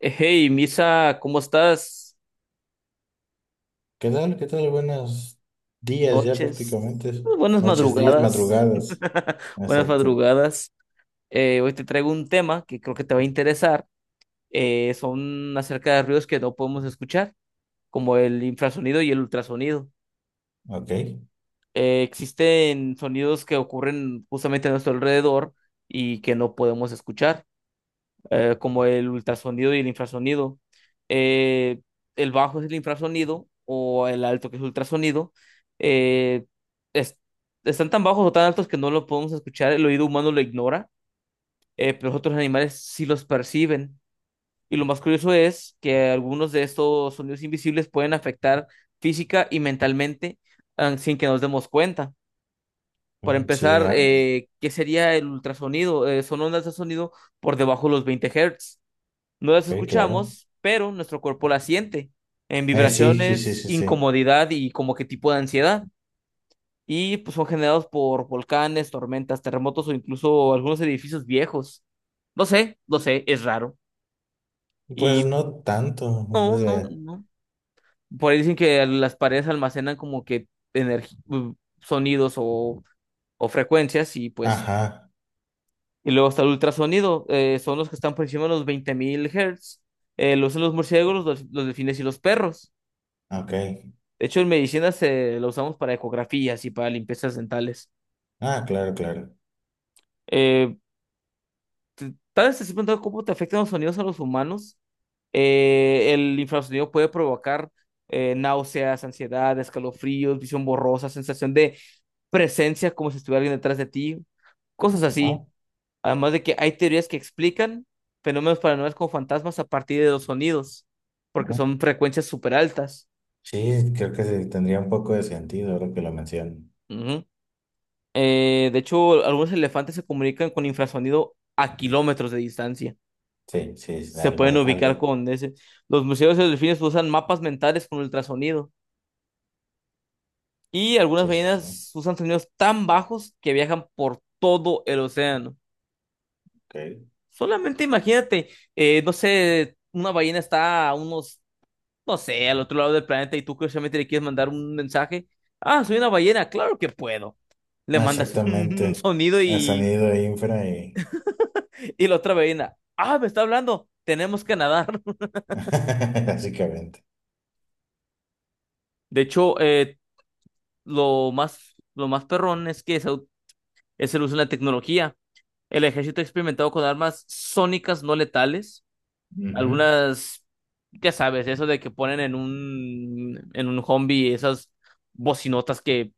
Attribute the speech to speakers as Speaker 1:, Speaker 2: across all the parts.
Speaker 1: Hey, Misa, ¿cómo estás?
Speaker 2: ¿Qué tal? ¿Qué tal? Buenos días ya
Speaker 1: Noches,
Speaker 2: prácticamente.
Speaker 1: pues, buenas
Speaker 2: Noches, días,
Speaker 1: madrugadas,
Speaker 2: madrugadas.
Speaker 1: buenas
Speaker 2: Exacto.
Speaker 1: madrugadas. Hoy te traigo un tema que creo que te va a interesar. Son acerca de ruidos que no podemos escuchar, como el infrasonido y el ultrasonido.
Speaker 2: Ok.
Speaker 1: Existen sonidos que ocurren justamente a nuestro alrededor y que no podemos escuchar, como el ultrasonido y el infrasonido. Eh, el bajo es el infrasonido o el alto que es ultrasonido. Eh, es- están tan bajos o tan altos que no lo podemos escuchar, el oído humano lo ignora. Pero los otros animales sí los perciben. Y lo más curioso es que algunos de estos sonidos invisibles pueden afectar física y mentalmente, sin que nos demos cuenta. Para
Speaker 2: Mm, sí,
Speaker 1: empezar, ¿qué sería el ultrasonido? Son ondas de sonido por debajo de los 20 Hz. No las
Speaker 2: ok, claro.
Speaker 1: escuchamos, pero nuestro cuerpo las siente en
Speaker 2: Sí, sí, sí,
Speaker 1: vibraciones,
Speaker 2: sí, sí.
Speaker 1: incomodidad y como que tipo de ansiedad. Y pues son generados por volcanes, tormentas, terremotos o incluso algunos edificios viejos. No sé, no sé, es raro.
Speaker 2: Pues
Speaker 1: Y
Speaker 2: no tanto.
Speaker 1: no,
Speaker 2: O
Speaker 1: no,
Speaker 2: sea,
Speaker 1: no. Por ahí dicen que las paredes almacenan como que sonidos o frecuencias y pues.
Speaker 2: ajá,
Speaker 1: Y luego está el ultrasonido. Son los que están por encima de los 20.000 Hz. Los son los murciélagos, los delfines y los perros.
Speaker 2: ok.
Speaker 1: De hecho, en medicina se la usamos para ecografías y para limpiezas dentales.
Speaker 2: Ah, claro, claro.
Speaker 1: Eh, Tal vez te has preguntado cómo te afectan los sonidos a los humanos. El infrasonido puede provocar, náuseas, ansiedad, escalofríos, visión borrosa, sensación de presencia como si estuviera alguien detrás de ti, cosas
Speaker 2: Ah,
Speaker 1: así. Además de que hay teorías que explican fenómenos paranormales como fantasmas a partir de los sonidos, porque
Speaker 2: ah.
Speaker 1: son frecuencias súper altas.
Speaker 2: Sí, creo que sí, tendría un poco de sentido ahora que lo mencionan.
Speaker 1: De hecho, algunos elefantes se comunican con infrasonido a kilómetros de distancia.
Speaker 2: Sí, sí, es
Speaker 1: Se
Speaker 2: algo,
Speaker 1: pueden ubicar
Speaker 2: algo.
Speaker 1: con ese. Los museos de delfines usan mapas mentales con ultrasonido. Y algunas
Speaker 2: Sí, sí, sí.
Speaker 1: ballenas usan sonidos tan bajos que viajan por todo el océano.
Speaker 2: Ok.
Speaker 1: Solamente imagínate, no sé, una ballena está a unos, no sé, al otro lado del planeta y tú curiosamente le quieres mandar un mensaje. Ah, soy una ballena, claro que puedo. Le mandas un
Speaker 2: Exactamente.
Speaker 1: sonido
Speaker 2: El
Speaker 1: y.
Speaker 2: sonido infra y...
Speaker 1: Y la otra ballena, ah, me está hablando, tenemos que nadar.
Speaker 2: Básicamente.
Speaker 1: De hecho, lo más perrón es que es el uso de la tecnología. El ejército ha experimentado con armas sónicas no letales.
Speaker 2: Ujú.
Speaker 1: Algunas, ya sabes, eso de que ponen en un zombie esas bocinotas que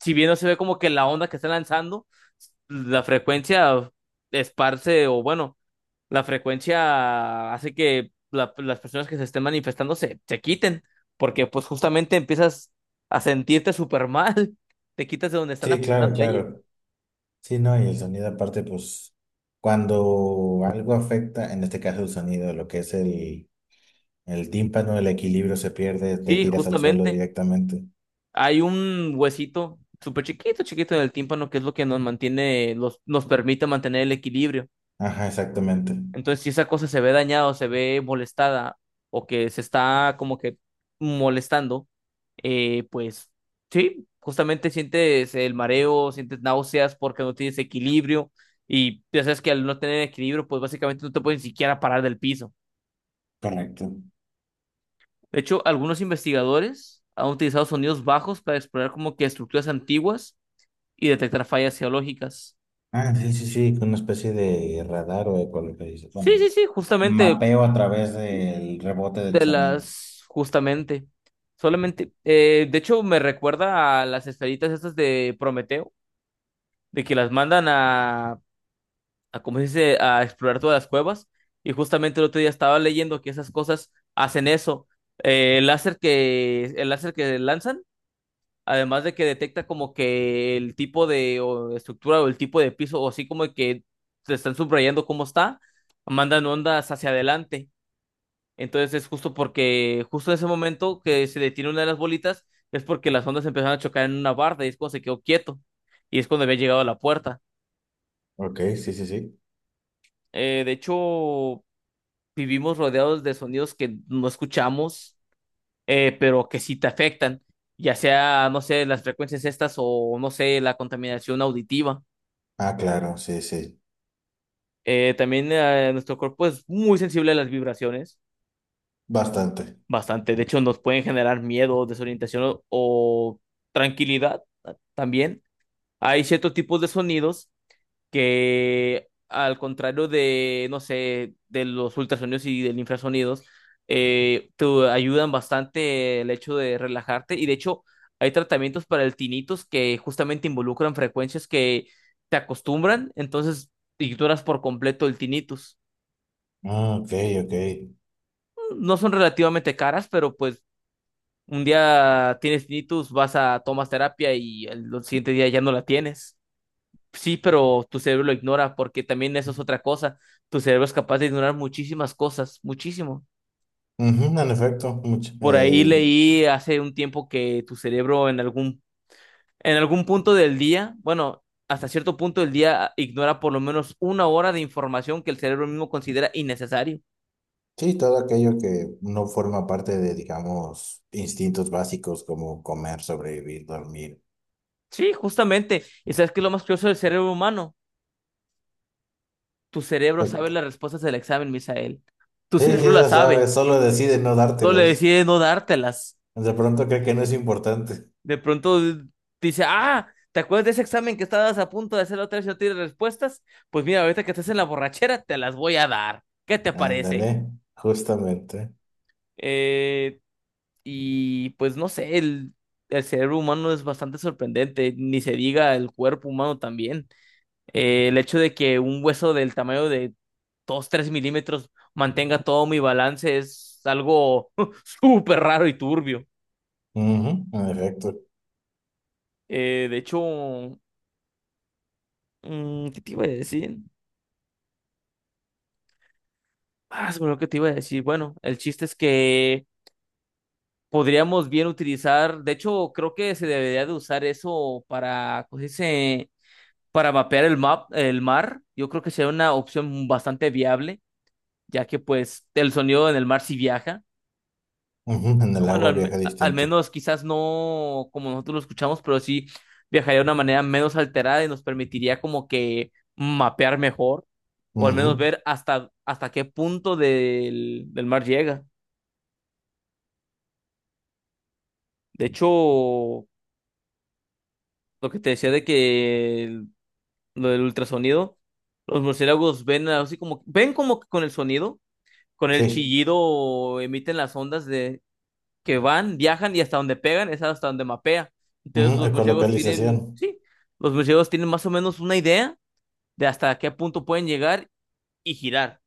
Speaker 1: si bien no se ve como que la onda que está lanzando, la frecuencia esparce o bueno, la frecuencia hace que las personas que se estén manifestando se quiten, porque pues justamente empiezas a sentirte súper mal, te quitas de donde están
Speaker 2: Sí, claro,
Speaker 1: apuntando ahí.
Speaker 2: claro. Sí, no, y el sonido aparte, pues, cuando algo afecta, en este caso el sonido, lo que es el tímpano, el equilibrio se pierde, te
Speaker 1: Sí,
Speaker 2: tiras al suelo
Speaker 1: justamente.
Speaker 2: directamente.
Speaker 1: Hay un huesito súper chiquito, chiquito en el tímpano, que es lo que nos mantiene, nos permite mantener el equilibrio.
Speaker 2: Ajá, exactamente.
Speaker 1: Entonces, si esa cosa se ve dañada o se ve molestada o que se está como que molestando, pues sí, justamente sientes el mareo, sientes náuseas porque no tienes equilibrio y ya sabes que al no tener equilibrio, pues básicamente no te puedes ni siquiera parar del piso.
Speaker 2: Correcto.
Speaker 1: De hecho, algunos investigadores han utilizado sonidos bajos para explorar como que estructuras antiguas y detectar fallas geológicas.
Speaker 2: Ah, sí, sí, sí, con una especie de radar o ecolocalización.
Speaker 1: Sí,
Speaker 2: Bueno,
Speaker 1: sí, sí, justamente
Speaker 2: mapeo a través del rebote del
Speaker 1: de
Speaker 2: sonido.
Speaker 1: las, justamente, solamente, de hecho me recuerda a las esferitas estas de Prometeo, de que las mandan a, ¿cómo se dice?, a explorar todas las cuevas, y justamente el otro día estaba leyendo que esas cosas hacen eso. El láser que lanzan, además de que detecta como que el tipo de o estructura o el tipo de piso, o así como que te están subrayando cómo está, mandan ondas hacia adelante. Entonces es justo porque, justo en ese momento que se detiene una de las bolitas, es porque las ondas empezaron a chocar en una barda y es cuando se quedó quieto. Y es cuando había llegado a la puerta.
Speaker 2: Ok, sí, sí, sí.
Speaker 1: De hecho, vivimos rodeados de sonidos que no escuchamos, pero que sí te afectan. Ya sea, no sé, las frecuencias estas o, no sé, la contaminación auditiva.
Speaker 2: Ah, claro, sí, sí.
Speaker 1: También, nuestro cuerpo es muy sensible a las vibraciones,
Speaker 2: Bastante.
Speaker 1: bastante. De hecho, nos pueden generar miedo, desorientación o tranquilidad, también. Hay ciertos tipos de sonidos que, al contrario de, no sé, de los ultrasonidos y del infrasonidos, te ayudan bastante el hecho de relajarte. Y de hecho, hay tratamientos para el tinnitus que justamente involucran frecuencias que te acostumbran, entonces ignoras por completo el tinnitus.
Speaker 2: Ah, ok, ok.
Speaker 1: No son relativamente caras, pero pues un día tienes tinnitus, vas a tomas terapia y el siguiente día ya no la tienes. Sí, pero tu cerebro lo ignora porque también eso es otra cosa. Tu cerebro es capaz de ignorar muchísimas cosas, muchísimo.
Speaker 2: Ujú, en efecto, mucho.
Speaker 1: Por ahí leí hace un tiempo que tu cerebro en algún punto del día, bueno, hasta cierto punto del día ignora por lo menos una hora de información que el cerebro mismo considera innecesario.
Speaker 2: Sí, todo aquello que no forma parte de, digamos, instintos básicos como comer, sobrevivir, dormir.
Speaker 1: Sí, justamente. ¿Y sabes qué es lo más curioso del cerebro humano? Tu cerebro
Speaker 2: Eh,
Speaker 1: sabe las respuestas del examen, Misael. Tu
Speaker 2: Sí,
Speaker 1: cerebro
Speaker 2: sí,
Speaker 1: las
Speaker 2: lo
Speaker 1: sabe.
Speaker 2: sabes, solo decide no
Speaker 1: Solo le
Speaker 2: dártelas.
Speaker 1: decide no dártelas.
Speaker 2: De pronto cree que no es importante.
Speaker 1: De pronto dice, ah, ¿te acuerdas de ese examen que estabas a punto de hacer otra vez y no tienes respuestas? Pues mira, ahorita que estás en la borrachera, te las voy a dar. ¿Qué te parece?
Speaker 2: Ándale, justamente.
Speaker 1: Eh, y pues no sé, el cerebro humano es bastante sorprendente, ni se diga el cuerpo humano también. El hecho de que un hueso del tamaño de 2 3 milímetros mantenga todo mi balance es algo súper raro y turbio.
Speaker 2: Ujú, en efecto.
Speaker 1: De hecho, ¿qué te iba a decir? Ah, se me que te iba a decir. Bueno, el chiste es que podríamos bien utilizar, de hecho, creo que se debería de usar eso para, ¿cómo se dice? Para mapear el mar. Yo creo que sería una opción bastante viable, ya que pues el sonido en el mar sí viaja.
Speaker 2: Ujú, en el
Speaker 1: Bueno,
Speaker 2: agua viaja
Speaker 1: al
Speaker 2: distinto.
Speaker 1: menos quizás no como nosotros lo escuchamos, pero sí viajaría de una manera menos alterada y nos permitiría como que mapear mejor, o al menos
Speaker 2: Ujú,
Speaker 1: ver hasta qué punto del mar llega. De hecho, lo que te decía de que lo del ultrasonido, los murciélagos ven así como, ven como que con el sonido, con el
Speaker 2: sí,
Speaker 1: chillido emiten las ondas de que van, viajan y hasta donde pegan es hasta donde mapea.
Speaker 2: ujú,
Speaker 1: Entonces los murciélagos
Speaker 2: ecolocalización.
Speaker 1: tienen, sí, los murciélagos tienen más o menos una idea de hasta qué punto pueden llegar y girar.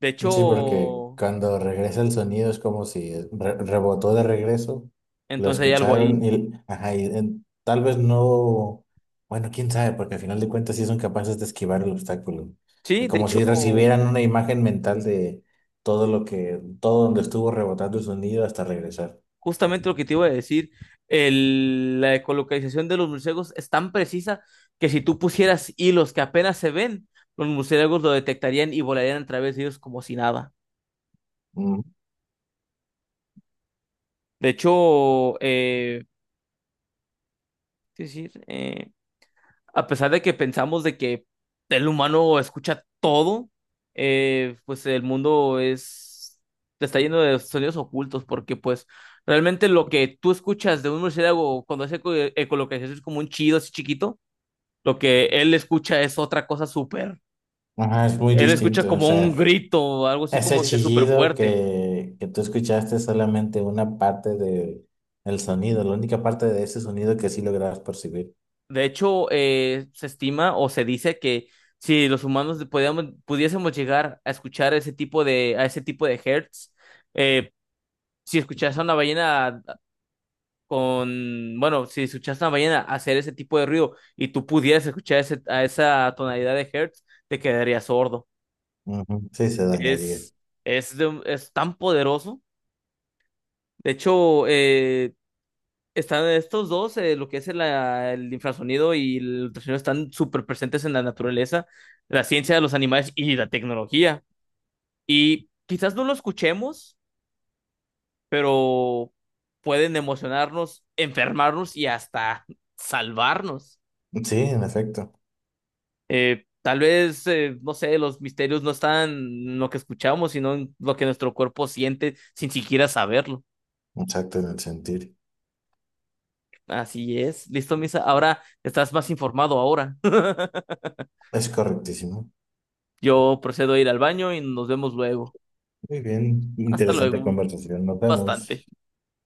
Speaker 1: De
Speaker 2: Sí, porque
Speaker 1: hecho,
Speaker 2: cuando regresa el sonido es como si rebotó de regreso, lo
Speaker 1: entonces hay algo ahí.
Speaker 2: escucharon y, ajá, y, tal vez no, bueno, quién sabe, porque al final de cuentas sí son capaces de esquivar el obstáculo.
Speaker 1: Sí, de
Speaker 2: Como
Speaker 1: hecho.
Speaker 2: si recibieran una imagen mental de todo lo que, todo donde estuvo rebotando el sonido hasta regresar.
Speaker 1: Justamente lo que te iba a decir, la ecolocalización de los murciélagos es tan precisa que si tú pusieras hilos que apenas se ven, los murciélagos lo detectarían y volarían a través de ellos como si nada.
Speaker 2: Mm.
Speaker 1: De hecho, es decir, a pesar de que pensamos de que el humano escucha todo, pues el mundo es está lleno de sonidos ocultos porque pues realmente lo que tú escuchas de un murciélago cuando hace ecolocalización es como un chido así chiquito. Lo que él escucha es otra cosa súper.
Speaker 2: Ajá, es muy
Speaker 1: Él escucha
Speaker 2: distinto, o
Speaker 1: como un
Speaker 2: sea,
Speaker 1: grito, algo así
Speaker 2: ese
Speaker 1: como que súper
Speaker 2: chillido
Speaker 1: fuerte.
Speaker 2: que tú escuchaste es solamente una parte de el sonido, la única parte de ese sonido que sí logras percibir.
Speaker 1: De hecho, se estima o se dice que si los humanos pudiésemos llegar a escuchar ese tipo de, a ese tipo de hertz, eh, si escuchas a una ballena con, bueno, si escuchas a una ballena hacer ese tipo de ruido y tú pudieras escuchar a esa tonalidad de hertz, te quedarías sordo.
Speaker 2: Ujú, sí, se dañaría.
Speaker 1: Es, es tan poderoso. De hecho, están estos dos, lo que es el, el infrasonido y el ultrasonido, están súper presentes en la naturaleza, la ciencia de los animales y la tecnología. Y quizás no lo escuchemos, pero pueden emocionarnos, enfermarnos y hasta salvarnos.
Speaker 2: Sí, en efecto.
Speaker 1: Tal vez, no sé, los misterios no están en lo que escuchamos, sino en lo que nuestro cuerpo siente sin siquiera saberlo.
Speaker 2: Exacto, en el sentir.
Speaker 1: Así es. Listo, Misa. Ahora estás más informado ahora.
Speaker 2: Es correctísimo.
Speaker 1: Yo procedo a ir al baño y nos vemos luego.
Speaker 2: Muy bien.
Speaker 1: Hasta
Speaker 2: Interesante
Speaker 1: luego.
Speaker 2: conversación. Nos
Speaker 1: Bastante.
Speaker 2: vemos.